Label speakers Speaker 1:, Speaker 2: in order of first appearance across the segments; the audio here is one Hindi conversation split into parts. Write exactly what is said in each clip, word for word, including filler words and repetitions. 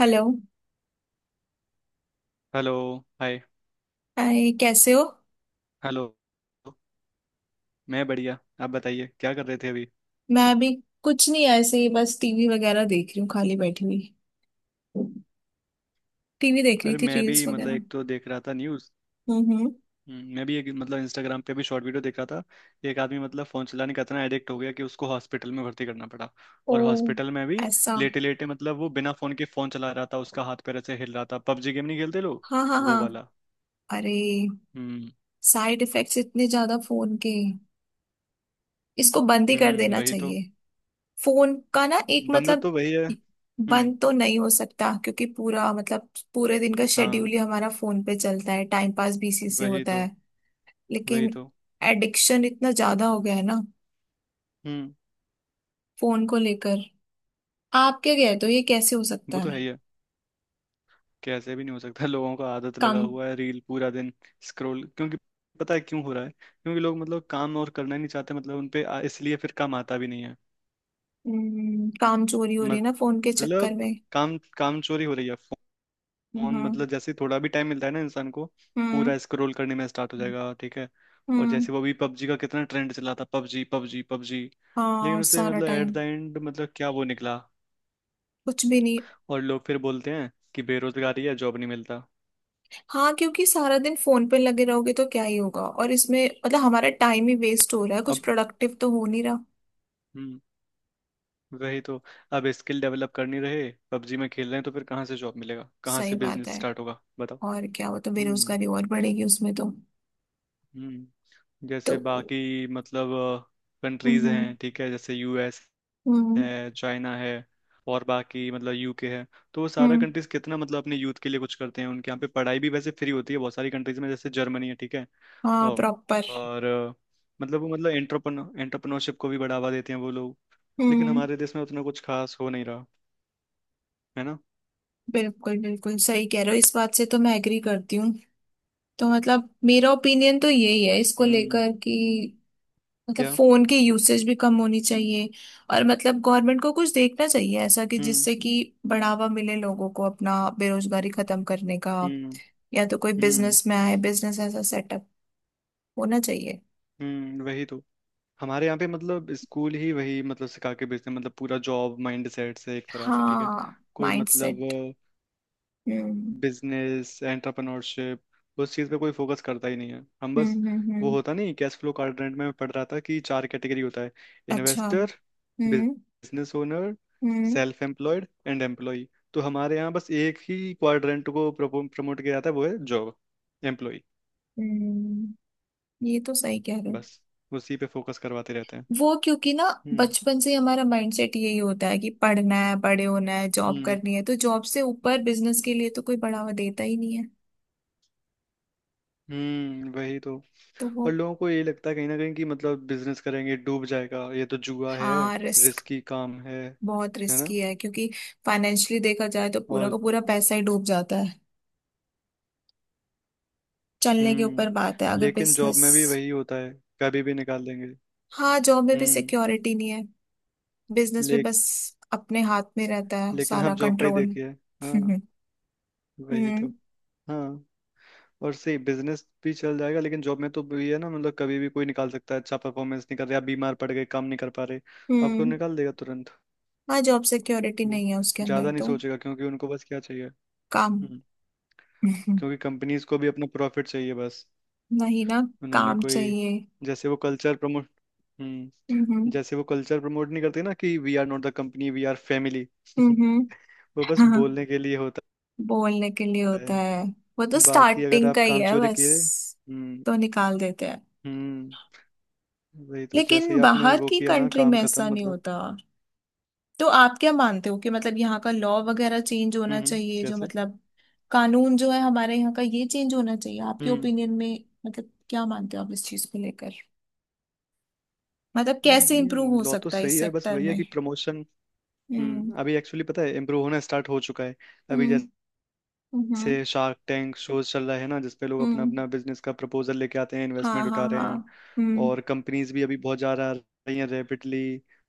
Speaker 1: हेलो।
Speaker 2: हेलो। हाय।
Speaker 1: हाय, कैसे हो?
Speaker 2: हेलो। मैं बढ़िया, आप बताइए क्या कर रहे थे अभी?
Speaker 1: मैं अभी कुछ नहीं, ऐसे ही बस टीवी वगैरह देख रही हूँ, खाली बैठी हुई। टीवी देख रही
Speaker 2: अरे
Speaker 1: थी,
Speaker 2: मैं भी
Speaker 1: रील्स
Speaker 2: मतलब
Speaker 1: वगैरह।
Speaker 2: एक तो देख रहा था न्यूज़।
Speaker 1: हम्म, हम्म।
Speaker 2: हम्म, मैं भी एक मतलब इंस्टाग्राम पे भी शॉर्ट वीडियो देख रहा था। एक आदमी मतलब फ़ोन चलाने का इतना एडिक्ट हो गया कि उसको हॉस्पिटल में भर्ती करना पड़ा।
Speaker 1: ओ,
Speaker 2: और हॉस्पिटल में भी
Speaker 1: ऐसा?
Speaker 2: लेटे लेटे मतलब वो बिना फ़ोन के फ़ोन चला रहा था, उसका हाथ पैर ऐसे हिल रहा था, पबजी गेम नहीं खेलते लोग?
Speaker 1: हाँ हाँ
Speaker 2: वो
Speaker 1: हाँ।
Speaker 2: वाला।
Speaker 1: अरे,
Speaker 2: हम्म।
Speaker 1: साइड इफेक्ट्स इतने ज्यादा फोन के। इसको बंद ही कर
Speaker 2: हम्म,
Speaker 1: देना
Speaker 2: वही तो।
Speaker 1: चाहिए। फोन का ना, एक
Speaker 2: बंदा
Speaker 1: मतलब
Speaker 2: तो वही है। हम्म।
Speaker 1: बंद तो नहीं हो सकता, क्योंकि पूरा मतलब पूरे दिन का शेड्यूल
Speaker 2: हाँ।
Speaker 1: ही हमारा फोन पे चलता है। टाइम पास भी इसी से
Speaker 2: वही
Speaker 1: होता
Speaker 2: तो।
Speaker 1: है।
Speaker 2: वही
Speaker 1: लेकिन
Speaker 2: तो।
Speaker 1: एडिक्शन इतना ज्यादा हो गया है ना,
Speaker 2: हम्म।
Speaker 1: फोन को लेकर। आप क्या कहते हो, ये कैसे हो सकता
Speaker 2: वो तो
Speaker 1: है?
Speaker 2: है ही है। कैसे भी नहीं हो सकता, लोगों का आदत लगा
Speaker 1: काम।
Speaker 2: हुआ है, रील पूरा दिन स्क्रॉल, क्योंकि पता है क्यों हो रहा है? क्योंकि लोग मतलब काम और करना ही नहीं चाहते, मतलब उन पे आ- इसलिए फिर काम आता भी नहीं है।
Speaker 1: हम्म, काम चोरी हो रही है ना, फोन के
Speaker 2: मतलब
Speaker 1: चक्कर में।
Speaker 2: काम, काम चोरी हो रही है। फोन
Speaker 1: हम्म
Speaker 2: मतलब जैसे ही थोड़ा भी टाइम मिलता है ना इंसान को,
Speaker 1: हम्म
Speaker 2: पूरा स्क्रॉल करने में स्टार्ट हो जाएगा, ठीक है। और
Speaker 1: हम्म।
Speaker 2: जैसे वो भी पबजी का कितना ट्रेंड चला था, पबजी पबजी पबजी।
Speaker 1: हाँ,
Speaker 2: लेकिन उसे
Speaker 1: सारा
Speaker 2: मतलब
Speaker 1: टाइम।
Speaker 2: एट द एंड मतलब क्या वो निकला?
Speaker 1: कुछ भी नहीं।
Speaker 2: और लोग फिर बोलते हैं कि बेरोजगारी है, जॉब नहीं मिलता।
Speaker 1: हाँ, क्योंकि सारा दिन फोन पे लगे रहोगे तो क्या ही होगा। और इसमें मतलब हमारा टाइम ही वेस्ट हो रहा है, कुछ
Speaker 2: अब
Speaker 1: प्रोडक्टिव तो हो नहीं रहा।
Speaker 2: हम्म। वही तो। अब स्किल डेवलप करनी रहे पबजी में खेल रहे हैं, तो फिर कहाँ से जॉब मिलेगा, कहाँ
Speaker 1: सही
Speaker 2: से
Speaker 1: बात
Speaker 2: बिजनेस
Speaker 1: है।
Speaker 2: स्टार्ट होगा, बताओ।
Speaker 1: और क्या, वो तो
Speaker 2: हम्म।
Speaker 1: बेरोजगारी और बढ़ेगी उसमें तो।
Speaker 2: हम्म,
Speaker 1: तो
Speaker 2: जैसे बाकी मतलब कंट्रीज
Speaker 1: हम्म
Speaker 2: हैं, ठीक है, जैसे यूएस
Speaker 1: हम्म
Speaker 2: है, चाइना है, और बाकी मतलब यूके है। तो वो सारा
Speaker 1: हम्म।
Speaker 2: कंट्रीज कितना मतलब अपने यूथ के लिए कुछ करते हैं, उनके यहाँ पे पढ़ाई भी वैसे फ्री होती है बहुत सारी कंट्रीज में, जैसे जर्मनी है, ठीक है।
Speaker 1: हाँ,
Speaker 2: और,
Speaker 1: प्रॉपर।
Speaker 2: और अ, मतलब वो मतलब एंटरप्रन एंटरप्रनरशिप को भी बढ़ावा देते हैं वो लोग। लेकिन
Speaker 1: हम्म।
Speaker 2: हमारे देश में उतना कुछ खास हो नहीं रहा, है ना।
Speaker 1: बिल्कुल बिल्कुल सही कह रहे हो, इस बात से तो मैं एग्री करती हूँ। तो मतलब मेरा ओपिनियन तो यही है इसको
Speaker 2: हम्म।
Speaker 1: लेकर, कि मतलब फोन की यूसेज भी कम होनी चाहिए। और मतलब गवर्नमेंट को कुछ देखना चाहिए ऐसा, कि
Speaker 2: हम्म।
Speaker 1: जिससे कि बढ़ावा मिले लोगों को अपना बेरोजगारी खत्म करने का।
Speaker 2: हम्म।
Speaker 1: या तो कोई
Speaker 2: हम्म।
Speaker 1: बिजनेस में आए, बिजनेस ऐसा सेटअप होना चाहिए।
Speaker 2: हम्म, वही तो। हमारे यहाँ पे मतलब स्कूल ही वही मतलब सिखा के भेजते हैं, मतलब पूरा जॉब माइंड सेट से एक तरह से, ठीक है।
Speaker 1: हाँ,
Speaker 2: कोई मतलब
Speaker 1: माइंडसेट। हम्म
Speaker 2: बिजनेस एंटरप्रेन्योरशिप, उस चीज़ पे कोई फोकस करता ही नहीं है। हम
Speaker 1: हम्म
Speaker 2: बस
Speaker 1: हम्म।
Speaker 2: वो
Speaker 1: हम्म,
Speaker 2: होता नहीं कैश फ्लो क्वाड्रेंट में मैं पढ़ रहा था कि चार कैटेगरी होता है।
Speaker 1: अच्छा।
Speaker 2: इन्वेस्टर,
Speaker 1: हम्म
Speaker 2: बिजनेस ओनर,
Speaker 1: हम्म
Speaker 2: सेल्फ एम्प्लॉयड एंड एम्प्लॉय। तो हमारे यहाँ बस एक ही क्वाड्रेंट को प्रमोट किया जाता है, वो है जॉब, एम्प्लॉय।
Speaker 1: हम्म। ये तो सही कह रहे हो।
Speaker 2: बस उसी पे फोकस करवाते रहते हैं।
Speaker 1: वो क्योंकि ना,
Speaker 2: हम्म।
Speaker 1: बचपन से ही हमारा माइंडसेट यही होता है कि पढ़ना है, बड़े होना है, जॉब
Speaker 2: हम्म।
Speaker 1: करनी है। तो जॉब से ऊपर बिजनेस के लिए तो कोई बढ़ावा देता ही नहीं है।
Speaker 2: हम्म, वही तो।
Speaker 1: तो वो
Speaker 2: और लोगों को ये लगता है कहीं ना कहीं कि मतलब बिजनेस करेंगे डूब जाएगा, ये तो जुआ है,
Speaker 1: हाँ, रिस्क।
Speaker 2: रिस्की काम है
Speaker 1: बहुत
Speaker 2: है ना।
Speaker 1: रिस्की है, क्योंकि फाइनेंशियली देखा जाए तो पूरा
Speaker 2: और
Speaker 1: का पूरा पैसा ही डूब जाता है। चलने के
Speaker 2: हम्म,
Speaker 1: ऊपर बात है अगर
Speaker 2: लेकिन जॉब
Speaker 1: बिजनेस।
Speaker 2: में भी वही होता है, कभी भी निकाल देंगे।
Speaker 1: हाँ, जॉब में भी
Speaker 2: हम्म।
Speaker 1: सिक्योरिटी नहीं है। बिजनेस में
Speaker 2: ले,
Speaker 1: बस अपने हाथ में रहता है
Speaker 2: लेकिन आप
Speaker 1: सारा
Speaker 2: जॉब का ही
Speaker 1: कंट्रोल।
Speaker 2: देखिए। हाँ। वही तो।
Speaker 1: हम्म
Speaker 2: हाँ। और सही बिजनेस भी चल जाएगा, लेकिन जॉब में तो ये है ना, मतलब कभी भी कोई निकाल सकता है। अच्छा परफॉर्मेंस नहीं कर रहे, आप बीमार पड़ गए, काम नहीं कर पा रहे, आपको
Speaker 1: हम्म।
Speaker 2: निकाल देगा तुरंत।
Speaker 1: हाँ, जॉब सिक्योरिटी
Speaker 2: वो
Speaker 1: नहीं है उसके अंदर
Speaker 2: ज्यादा नहीं
Speaker 1: तो।
Speaker 2: सोचेगा क्योंकि उनको बस क्या चाहिए।
Speaker 1: काम।
Speaker 2: हम्म। क्योंकि कंपनीज को भी अपना प्रॉफिट चाहिए बस।
Speaker 1: नहीं ना,
Speaker 2: उन्होंने
Speaker 1: काम
Speaker 2: कोई
Speaker 1: चाहिए।
Speaker 2: जैसे वो कल्चर प्रमोट, हम्म
Speaker 1: हम्म
Speaker 2: जैसे वो कल्चर प्रमोट नहीं करते ना कि we are not the company we are family.
Speaker 1: हम्म।
Speaker 2: वो बस
Speaker 1: हाँ।
Speaker 2: बोलने के लिए होता
Speaker 1: बोलने के लिए होता है।
Speaker 2: है।
Speaker 1: वो तो
Speaker 2: बाकी अगर
Speaker 1: स्टार्टिंग
Speaker 2: आप
Speaker 1: का ही
Speaker 2: काम
Speaker 1: है
Speaker 2: चोरी किए,
Speaker 1: बस।
Speaker 2: हम्म,
Speaker 1: तो निकाल देते हैं।
Speaker 2: हम्म वही तो, जैसे
Speaker 1: लेकिन
Speaker 2: ही आपने
Speaker 1: बाहर
Speaker 2: वो
Speaker 1: की
Speaker 2: किया ना
Speaker 1: कंट्री
Speaker 2: काम
Speaker 1: में
Speaker 2: खत्म
Speaker 1: ऐसा नहीं
Speaker 2: मतलब।
Speaker 1: होता। तो आप क्या मानते हो कि मतलब यहाँ का लॉ वगैरह चेंज होना
Speaker 2: हम्म। हम्म,
Speaker 1: चाहिए, जो
Speaker 2: कैसे?
Speaker 1: मतलब कानून जो है हमारे यहाँ का, ये चेंज होना चाहिए आपके
Speaker 2: हम्म,
Speaker 1: ओपिनियन में? मतलब क्या मानते हो आप इस चीज को लेकर, मतलब कैसे इम्प्रूव
Speaker 2: नहीं
Speaker 1: हो
Speaker 2: लॉ तो
Speaker 1: सकता है इस
Speaker 2: सही है, बस
Speaker 1: सेक्टर
Speaker 2: वही है
Speaker 1: में?
Speaker 2: कि प्रमोशन।
Speaker 1: हम्म
Speaker 2: हम्म, अभी एक्चुअली पता है इम्प्रूव होना स्टार्ट हो चुका है। अभी
Speaker 1: हम्म
Speaker 2: जैसे
Speaker 1: हम्म
Speaker 2: से शार्क टैंक शोज चल रहा है ना, जिसपे लोग अपना
Speaker 1: हम्म।
Speaker 2: अपना बिजनेस का प्रपोजल लेके आते हैं,
Speaker 1: हाँ
Speaker 2: इन्वेस्टमेंट
Speaker 1: हाँ
Speaker 2: उठा रहे
Speaker 1: हाँ।
Speaker 2: हैं।
Speaker 1: हम्म
Speaker 2: और कंपनीज भी अभी बहुत ज़्यादा आ रही हैं रैपिडली,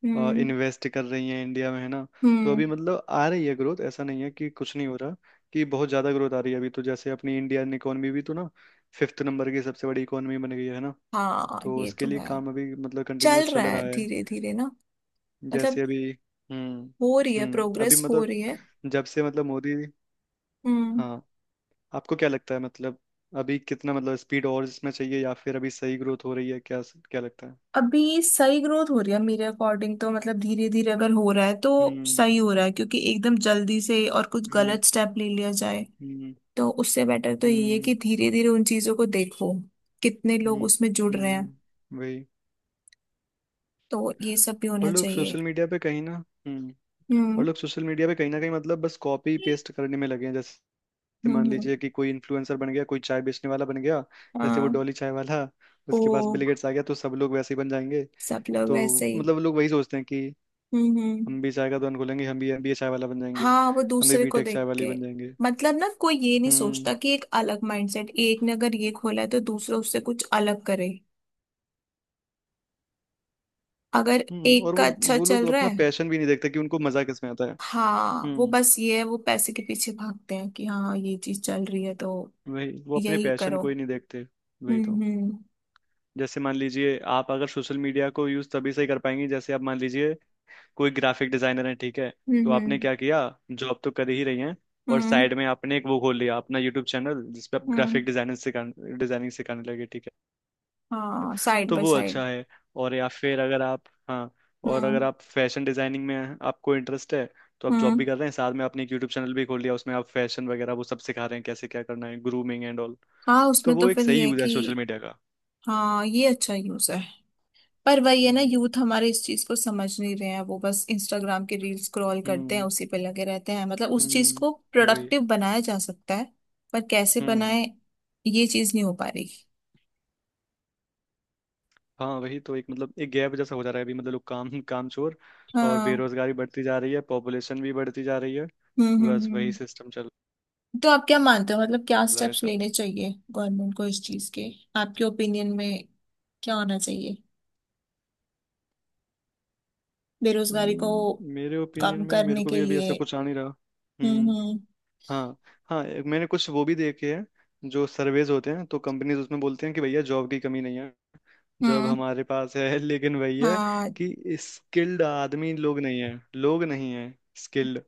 Speaker 1: हम्म
Speaker 2: इन्वेस्ट कर रही हैं इंडिया में, है ना। तो
Speaker 1: हम्म।
Speaker 2: अभी मतलब आ रही है ग्रोथ, ऐसा नहीं है कि कुछ नहीं हो रहा, कि बहुत ज़्यादा ग्रोथ आ रही है अभी। तो जैसे अपनी इंडियन इकोनॉमी भी तो ना फिफ्थ नंबर की सबसे बड़ी इकोनॉमी बन गई है ना।
Speaker 1: हाँ,
Speaker 2: तो
Speaker 1: ये
Speaker 2: उसके
Speaker 1: तो
Speaker 2: लिए
Speaker 1: है।
Speaker 2: काम अभी मतलब
Speaker 1: चल
Speaker 2: कंटिन्यूस
Speaker 1: रहा
Speaker 2: चल रहा
Speaker 1: है
Speaker 2: है।
Speaker 1: धीरे धीरे ना।
Speaker 2: जैसे
Speaker 1: मतलब
Speaker 2: अभी हम्म।
Speaker 1: हो रही है,
Speaker 2: हम्म, अभी
Speaker 1: प्रोग्रेस हो
Speaker 2: मतलब
Speaker 1: रही है।
Speaker 2: जब से मतलब मोदी।
Speaker 1: हम्म।
Speaker 2: हाँ, आपको क्या लगता है मतलब अभी कितना मतलब स्पीड और इसमें चाहिए, या फिर अभी सही ग्रोथ हो रही है क्या, क्या लगता है?
Speaker 1: अभी सही ग्रोथ हो रही है मेरे अकॉर्डिंग तो। मतलब धीरे धीरे अगर हो रहा है तो
Speaker 2: हम्म।
Speaker 1: सही हो रहा है, क्योंकि एकदम जल्दी से और कुछ
Speaker 2: हम्म।
Speaker 1: गलत स्टेप ले लिया जाए,
Speaker 2: हम्म।
Speaker 1: तो उससे बेटर तो ये है
Speaker 2: हम्म।
Speaker 1: कि धीरे धीरे उन चीजों को देखो कितने लोग
Speaker 2: हम्म।
Speaker 1: उसमें जुड़ रहे हैं।
Speaker 2: हम्म, वही।
Speaker 1: तो ये सब भी
Speaker 2: और
Speaker 1: होना
Speaker 2: लोग
Speaker 1: चाहिए।
Speaker 2: सोशल मीडिया पे कहीं ना, हम्म, और
Speaker 1: हम्म
Speaker 2: लोग सोशल मीडिया पे कहीं ना कहीं मतलब बस कॉपी पेस्ट करने में लगे हैं, जैसे मान
Speaker 1: हम्म हम्म,
Speaker 2: लीजिए कि कोई इन्फ्लुएंसर बन गया, कोई चाय बेचने वाला बन गया, जैसे वो
Speaker 1: हाँ।
Speaker 2: डॉली चाय वाला,
Speaker 1: ओ,
Speaker 2: उसके पास बिल गेट्स आ गया, तो सब लोग वैसे ही बन जाएंगे।
Speaker 1: सब लोग
Speaker 2: तो
Speaker 1: वैसे ही।
Speaker 2: मतलब लोग वही सोचते हैं कि
Speaker 1: हम्म हम्म।
Speaker 2: हम भी चाय का दुकान खोलेंगे, हम भी हम भी ये चाय वाला बन जाएंगे,
Speaker 1: हाँ, वो
Speaker 2: हम भी
Speaker 1: दूसरे को
Speaker 2: बीटेक
Speaker 1: देख
Speaker 2: चाय वाली
Speaker 1: के।
Speaker 2: बन जाएंगे।
Speaker 1: मतलब ना कोई ये नहीं
Speaker 2: हम्म।
Speaker 1: सोचता कि एक अलग माइंडसेट, एक ने अगर ये खोला है तो दूसरा उससे कुछ अलग करे, अगर
Speaker 2: हम्म,
Speaker 1: एक
Speaker 2: और
Speaker 1: का
Speaker 2: वो
Speaker 1: अच्छा
Speaker 2: वो लोग
Speaker 1: चल रहा
Speaker 2: अपना
Speaker 1: है।
Speaker 2: पैशन भी नहीं देखते कि उनको मजा किस में आता है।
Speaker 1: हाँ, वो
Speaker 2: हम्म
Speaker 1: बस ये है वो पैसे के पीछे भागते हैं कि हाँ, ये चीज चल रही है तो
Speaker 2: वही, वो अपने
Speaker 1: यही
Speaker 2: पैशन
Speaker 1: करो।
Speaker 2: को ही नहीं देखते। वही
Speaker 1: हम्म
Speaker 2: तो,
Speaker 1: हम्म
Speaker 2: जैसे मान लीजिए आप अगर सोशल मीडिया को यूज तभी से कर पाएंगे जैसे आप मान लीजिए कोई ग्राफिक डिजाइनर है, ठीक है। तो
Speaker 1: हम्म
Speaker 2: आपने क्या किया, जॉब तो कर ही रही हैं, और
Speaker 1: हम्म
Speaker 2: साइड में आपने एक वो खोल लिया अपना यूट्यूब चैनल जिसपे आप
Speaker 1: हम्म।
Speaker 2: ग्राफिक डिजाइनिंग सिखा डिजाइनिंग सिखाने लगे, ठीक है।
Speaker 1: हाँ, साइड
Speaker 2: तो
Speaker 1: बाय
Speaker 2: वो
Speaker 1: साइड।
Speaker 2: अच्छा है। और या फिर अगर आप, हाँ, और
Speaker 1: हम्म
Speaker 2: अगर आप फैशन डिजाइनिंग में आपको इंटरेस्ट है, तो आप जॉब
Speaker 1: हम्म।
Speaker 2: भी कर रहे हैं, साथ में आपने एक यूट्यूब चैनल भी खोल लिया, उसमें आप फैशन वगैरह वो सब सिखा रहे हैं कैसे क्या करना है, ग्रूमिंग एंड ऑल।
Speaker 1: हाँ,
Speaker 2: तो
Speaker 1: उसमें तो
Speaker 2: वो एक
Speaker 1: फिर
Speaker 2: सही
Speaker 1: ये है
Speaker 2: यूज है
Speaker 1: कि
Speaker 2: सोशल मीडिया का।
Speaker 1: हाँ, ये अच्छा यूज है। पर वही है ना,
Speaker 2: हम्म।
Speaker 1: यूथ हमारे इस चीज को समझ नहीं रहे हैं। वो बस इंस्टाग्राम के रील स्क्रॉल करते हैं,
Speaker 2: हम्म।
Speaker 1: उसी पे लगे रहते हैं। मतलब उस चीज को
Speaker 2: हम्म, वही।
Speaker 1: प्रोडक्टिव बनाया जा सकता है, पर कैसे
Speaker 2: हम्म।
Speaker 1: बनाए, ये चीज नहीं हो पा रही।
Speaker 2: हाँ वही तो, एक मतलब एक गैप जैसा हो जा रहा है अभी मतलब लोग काम काम चोर, और
Speaker 1: हाँ।
Speaker 2: बेरोजगारी बढ़ती जा रही है, पॉपुलेशन भी बढ़ती जा रही है।
Speaker 1: हम्म हम्म
Speaker 2: बस वही
Speaker 1: हम्म।
Speaker 2: सिस्टम चल
Speaker 1: तो आप क्या मानते हो, मतलब क्या
Speaker 2: रहा है
Speaker 1: स्टेप्स
Speaker 2: सब।
Speaker 1: लेने चाहिए गवर्नमेंट को इस चीज के आपके ओपिनियन में, क्या होना चाहिए बेरोजगारी को
Speaker 2: हम्म, मेरे ओपिनियन
Speaker 1: कम
Speaker 2: में मेरे
Speaker 1: करने
Speaker 2: को
Speaker 1: के
Speaker 2: भी अभी ऐसा
Speaker 1: लिए?
Speaker 2: कुछ आ नहीं रहा।
Speaker 1: हम्म
Speaker 2: हम्म।
Speaker 1: हम्म
Speaker 2: हाँ। हाँ एक मैंने कुछ वो भी देखे हैं जो सर्वेज होते हैं, तो कंपनीज उसमें बोलते हैं कि भैया जॉब की कमी नहीं है, जॉब
Speaker 1: हम्म।
Speaker 2: हमारे पास है। लेकिन वही है
Speaker 1: हाँ,
Speaker 2: कि स्किल्ड आदमी लोग नहीं है, लोग नहीं है स्किल्ड,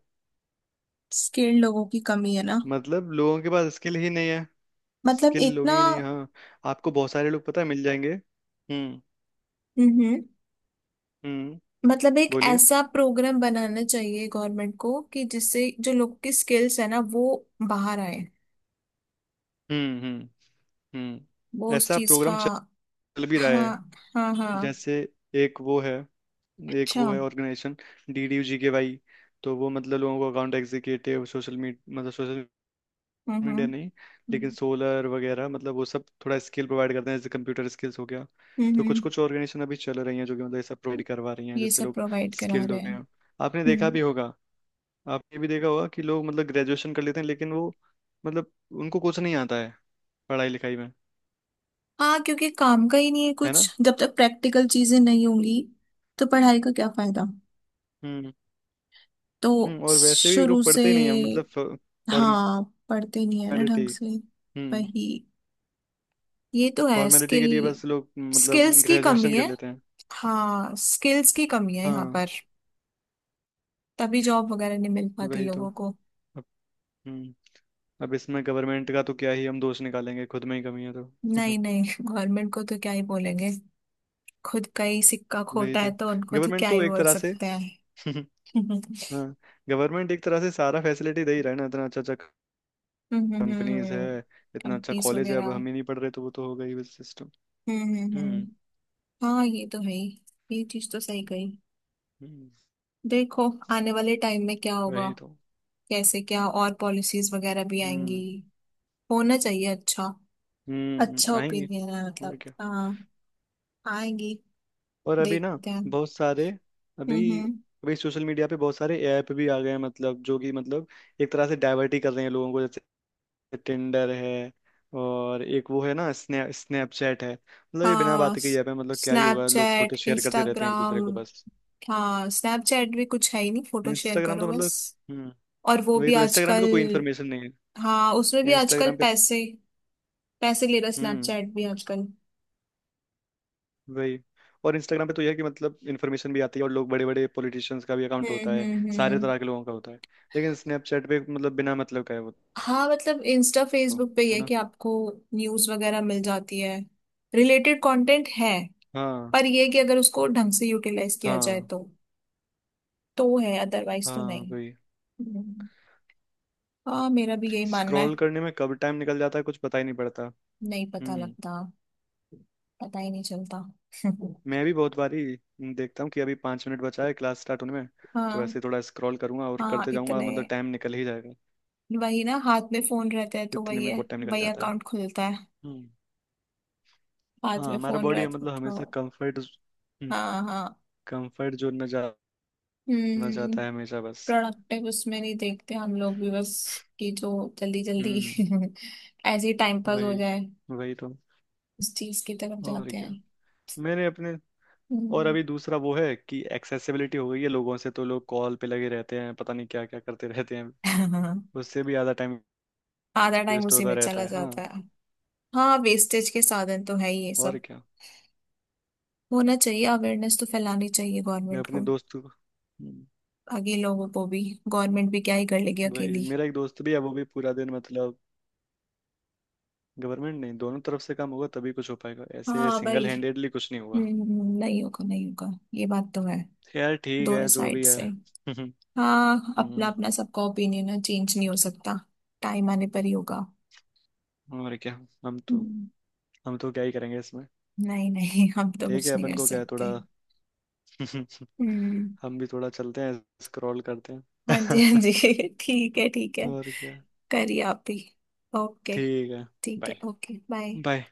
Speaker 1: स्किल्ड लोगों की कमी है ना।
Speaker 2: मतलब लोगों के पास स्किल ही नहीं है,
Speaker 1: मतलब
Speaker 2: स्किल
Speaker 1: एक
Speaker 2: लोग
Speaker 1: ना।
Speaker 2: ही नहीं, हाँ। आपको बहुत सारे लोग पता है मिल जाएंगे। हम्म।
Speaker 1: हम्म हम्म।
Speaker 2: हम्म,
Speaker 1: मतलब एक
Speaker 2: बोलिए।
Speaker 1: ऐसा प्रोग्राम बनाना चाहिए गवर्नमेंट को कि जिससे जो लोग की स्किल्स है ना, वो बाहर आए।
Speaker 2: हम्म। हम्म। हम्म,
Speaker 1: वो उस
Speaker 2: ऐसा
Speaker 1: चीज
Speaker 2: प्रोग्राम
Speaker 1: का
Speaker 2: चल भी रहा है,
Speaker 1: हाँ हाँ हाँ।
Speaker 2: जैसे एक वो है, एक
Speaker 1: अच्छा।
Speaker 2: वो है ऑर्गेनाइजेशन डीडीयू जीके भाई। तो वो मतलब लोगों को अकाउंट एग्जीक्यूटिव सोशल मीडिया, मतलब सोशल
Speaker 1: हम्म
Speaker 2: मीडिया
Speaker 1: हम्म
Speaker 2: नहीं, लेकिन सोलर वगैरह मतलब वो सब थोड़ा स्किल प्रोवाइड करते हैं, जैसे कंप्यूटर स्किल्स हो गया।
Speaker 1: हम्म हम्म,
Speaker 2: तो कुछ
Speaker 1: हम्म।
Speaker 2: कुछ ऑर्गेनाइजेशन अभी चल रही हैं जो कि मतलब ये सब प्रोवाइड करवा रही हैं,
Speaker 1: ये
Speaker 2: जिससे
Speaker 1: सब
Speaker 2: लोग
Speaker 1: प्रोवाइड करा
Speaker 2: स्किल्ड
Speaker 1: रहे
Speaker 2: हो
Speaker 1: हैं।
Speaker 2: गए हैं। आपने देखा भी
Speaker 1: हम्म।
Speaker 2: होगा, आपने भी देखा होगा कि लोग मतलब ग्रेजुएशन कर लेते हैं लेकिन वो मतलब उनको कुछ नहीं आता है पढ़ाई लिखाई में,
Speaker 1: हाँ, क्योंकि काम का ही नहीं है
Speaker 2: है ना।
Speaker 1: कुछ। जब तक प्रैक्टिकल चीजें नहीं होंगी, तो पढ़ाई का क्या फायदा।
Speaker 2: हम्म।
Speaker 1: तो
Speaker 2: हम्म और वैसे भी
Speaker 1: शुरू
Speaker 2: लोग
Speaker 1: से
Speaker 2: पढ़ते ही नहीं है मतलब
Speaker 1: हाँ, पढ़ते नहीं है ना ढंग
Speaker 2: फॉर्मेलिटी,
Speaker 1: से।
Speaker 2: हम्म,
Speaker 1: वही, ये तो है।
Speaker 2: फॉर्मेलिटी
Speaker 1: स्किल,
Speaker 2: के लिए बस लोग मतलब
Speaker 1: स्किल्स की कमी
Speaker 2: ग्रेजुएशन कर
Speaker 1: है।
Speaker 2: लेते हैं।
Speaker 1: हाँ, स्किल्स की कमी है यहाँ
Speaker 2: हाँ।
Speaker 1: पर, तभी जॉब वगैरह नहीं मिल पाती
Speaker 2: वही तो।
Speaker 1: लोगों को।
Speaker 2: अब हम्म, अब इसमें गवर्नमेंट का तो क्या ही हम दोष निकालेंगे, खुद में ही कमी है तो।
Speaker 1: नहीं नहीं, गवर्नमेंट को तो क्या ही बोलेंगे। खुद का ही सिक्का
Speaker 2: वही
Speaker 1: खोटा
Speaker 2: तो,
Speaker 1: है तो उनको तो
Speaker 2: गवर्नमेंट
Speaker 1: क्या ही
Speaker 2: तो एक
Speaker 1: बोल
Speaker 2: तरह से
Speaker 1: सकते हैं।
Speaker 2: हाँ, गवर्नमेंट एक तरह से सारा फैसिलिटी दे ही रहा है ना, इतना अच्छा अच्छा कंपनीज है,
Speaker 1: हम्म।
Speaker 2: इतना अच्छा
Speaker 1: कंपनीज
Speaker 2: कॉलेज है, अब
Speaker 1: वगैरह।
Speaker 2: हम ही नहीं पढ़ रहे तो वो तो हो गई बस सिस्टम।
Speaker 1: हम्म हम्म हम्म।
Speaker 2: हम्म।
Speaker 1: हाँ, ये तो है ही। ये चीज तो सही कही।
Speaker 2: हम्म,
Speaker 1: देखो आने वाले टाइम में क्या होगा,
Speaker 2: वही तो।
Speaker 1: कैसे क्या, और पॉलिसीज वगैरह भी आएंगी।
Speaker 2: हम्म।
Speaker 1: होना चाहिए अच्छा। अच्छा
Speaker 2: हम्म, आएंगे।
Speaker 1: ओपिनियन है
Speaker 2: और
Speaker 1: मतलब,
Speaker 2: क्या।
Speaker 1: हाँ। आएंगी।
Speaker 2: और अभी ना
Speaker 1: देखते हैं।
Speaker 2: बहुत सारे अभी,
Speaker 1: हम्म हम्म।
Speaker 2: अभी सोशल मीडिया पे बहुत सारे ऐप भी आ गए हैं, मतलब जो कि मतलब एक तरह से डाइवर्ट ही कर रहे हैं लोगों को, जैसे टिंडर है, और एक वो है ना स्नैप स्नैपचैट है, मतलब ये बिना
Speaker 1: हाँ,
Speaker 2: बात के ऐप है, मतलब क्या ही होगा, लोग फोटो
Speaker 1: स्नैपचैट,
Speaker 2: शेयर करते रहते हैं एक दूसरे
Speaker 1: इंस्टाग्राम।
Speaker 2: को बस।
Speaker 1: हाँ, स्नैपचैट भी कुछ है ही नहीं, फोटो शेयर
Speaker 2: इंस्टाग्राम
Speaker 1: करो
Speaker 2: तो
Speaker 1: बस।
Speaker 2: मतलब, हम्म
Speaker 1: और वो
Speaker 2: वही
Speaker 1: भी
Speaker 2: तो, इंस्टाग्राम पे
Speaker 1: आजकल
Speaker 2: तो कोई इन्फॉर्मेशन नहीं है
Speaker 1: हाँ, उसमें भी आजकल
Speaker 2: इंस्टाग्राम पे।
Speaker 1: पैसे, पैसे ले रहा
Speaker 2: हम्म
Speaker 1: स्नैपचैट भी आजकल।
Speaker 2: वही, और इंस्टाग्राम पे तो यह है कि मतलब इन्फॉर्मेशन भी आती है और लोग बड़े बड़े पॉलिटिशियंस का भी अकाउंट
Speaker 1: हम्म
Speaker 2: होता है,
Speaker 1: हम्म
Speaker 2: सारे
Speaker 1: हम्म।
Speaker 2: तरह के लोगों का होता है। लेकिन स्नैपचैट पे मतलब बिना मतलब का है वो।
Speaker 1: हाँ, मतलब इंस्टा,
Speaker 2: हो,
Speaker 1: फेसबुक पे ये
Speaker 2: है
Speaker 1: है
Speaker 2: ना।
Speaker 1: कि आपको न्यूज वगैरह मिल जाती है, रिलेटेड कंटेंट है।
Speaker 2: हाँ।
Speaker 1: पर ये है कि अगर उसको ढंग से यूटिलाइज किया जाए
Speaker 2: हाँ।
Speaker 1: तो तो है, अदरवाइज तो
Speaker 2: हाँ
Speaker 1: नहीं।
Speaker 2: वही।
Speaker 1: हम्म। हाँ, मेरा भी यही मानना है।
Speaker 2: स्क्रॉल करने में कब टाइम निकल जाता है कुछ पता ही नहीं पड़ता।
Speaker 1: नहीं पता
Speaker 2: हम्म।
Speaker 1: लगता, पता ही नहीं चलता।
Speaker 2: मैं भी बहुत बारी देखता हूँ कि अभी पाँच मिनट बचा है क्लास स्टार्ट होने में, तो ऐसे
Speaker 1: हाँ
Speaker 2: ही थोड़ा स्क्रॉल करूंगा और
Speaker 1: हाँ,
Speaker 2: करते जाऊंगा,
Speaker 1: इतने।
Speaker 2: मतलब टाइम निकल ही जाएगा।
Speaker 1: वही ना, हाथ में फोन रहता है तो
Speaker 2: इतने
Speaker 1: वही
Speaker 2: में
Speaker 1: है,
Speaker 2: बहुत टाइम निकल
Speaker 1: वही
Speaker 2: जाता है।
Speaker 1: अकाउंट खुलता है।
Speaker 2: हम्म।
Speaker 1: हाथ
Speaker 2: हाँ
Speaker 1: में
Speaker 2: हमारा
Speaker 1: फोन
Speaker 2: बॉडी
Speaker 1: रहता है
Speaker 2: मतलब
Speaker 1: तो
Speaker 2: हमेशा कंफर्ट
Speaker 1: हाँ हाँ।
Speaker 2: कंफर्ट जोन में जाना
Speaker 1: हम्म।
Speaker 2: चाहता है हमेशा बस।
Speaker 1: प्रोडक्टिव उसमें नहीं देखते हम लोग भी, बस कि जो जल्दी जल्दी
Speaker 2: हम्म,
Speaker 1: ऐसे ही टाइम पास हो
Speaker 2: वही।
Speaker 1: जाए,
Speaker 2: वही तो।
Speaker 1: उस चीज की तरफ
Speaker 2: और
Speaker 1: जाते
Speaker 2: क्या।
Speaker 1: हैं।
Speaker 2: मैंने अपने, और
Speaker 1: हम्म।
Speaker 2: अभी दूसरा वो है कि एक्सेसिबिलिटी हो गई है लोगों से, तो लोग कॉल पे लगे रहते हैं, पता नहीं क्या क्या करते रहते हैं, उससे भी ज़्यादा टाइम
Speaker 1: आधा टाइम
Speaker 2: वेस्ट
Speaker 1: उसी
Speaker 2: होता
Speaker 1: में
Speaker 2: रहता
Speaker 1: चला
Speaker 2: है, हाँ।
Speaker 1: जाता है। हाँ, वेस्टेज के साधन तो है ही ये
Speaker 2: और
Speaker 1: सब।
Speaker 2: क्या।
Speaker 1: होना चाहिए, अवेयरनेस तो फैलानी चाहिए
Speaker 2: मैं
Speaker 1: गवर्नमेंट
Speaker 2: अपने
Speaker 1: को,
Speaker 2: दोस्त को हम्म,
Speaker 1: बाकी लोगों को भी। गवर्नमेंट भी क्या ही कर लेगी
Speaker 2: वही
Speaker 1: अकेली।
Speaker 2: मेरा एक दोस्त भी है वो भी पूरा दिन मतलब, गवर्नमेंट नहीं दोनों तरफ से काम होगा तभी कुछ हो पाएगा, ऐसे
Speaker 1: हाँ
Speaker 2: सिंगल
Speaker 1: भाई।
Speaker 2: हैंडेडली कुछ नहीं होगा।
Speaker 1: हम्म हम्म, नहीं होगा, नहीं होगा, ये बात तो है।
Speaker 2: तो यार ठीक
Speaker 1: दोनों
Speaker 2: है जो भी
Speaker 1: साइड
Speaker 2: है।
Speaker 1: से। हाँ, अपना
Speaker 2: हम्म।
Speaker 1: अपना सबका ओपिनियन है, चेंज नहीं हो सकता। टाइम आने पर ही होगा।
Speaker 2: और क्या। हम तो,
Speaker 1: हम्म,
Speaker 2: हम तो क्या ही करेंगे इसमें।
Speaker 1: नहीं नहीं, हम तो
Speaker 2: ठीक है
Speaker 1: कुछ नहीं
Speaker 2: अपन
Speaker 1: कर
Speaker 2: को क्या है थोड़ा।
Speaker 1: सकते। हम्म।
Speaker 2: हम भी थोड़ा चलते हैं स्क्रॉल करते हैं।
Speaker 1: हाँ जी हाँ जी। ठीक है ठीक है।
Speaker 2: और क्या।
Speaker 1: करिए आप भी। ओके।
Speaker 2: ठीक है।
Speaker 1: ठीक है,
Speaker 2: बाय।
Speaker 1: Okay, bye.
Speaker 2: बाय।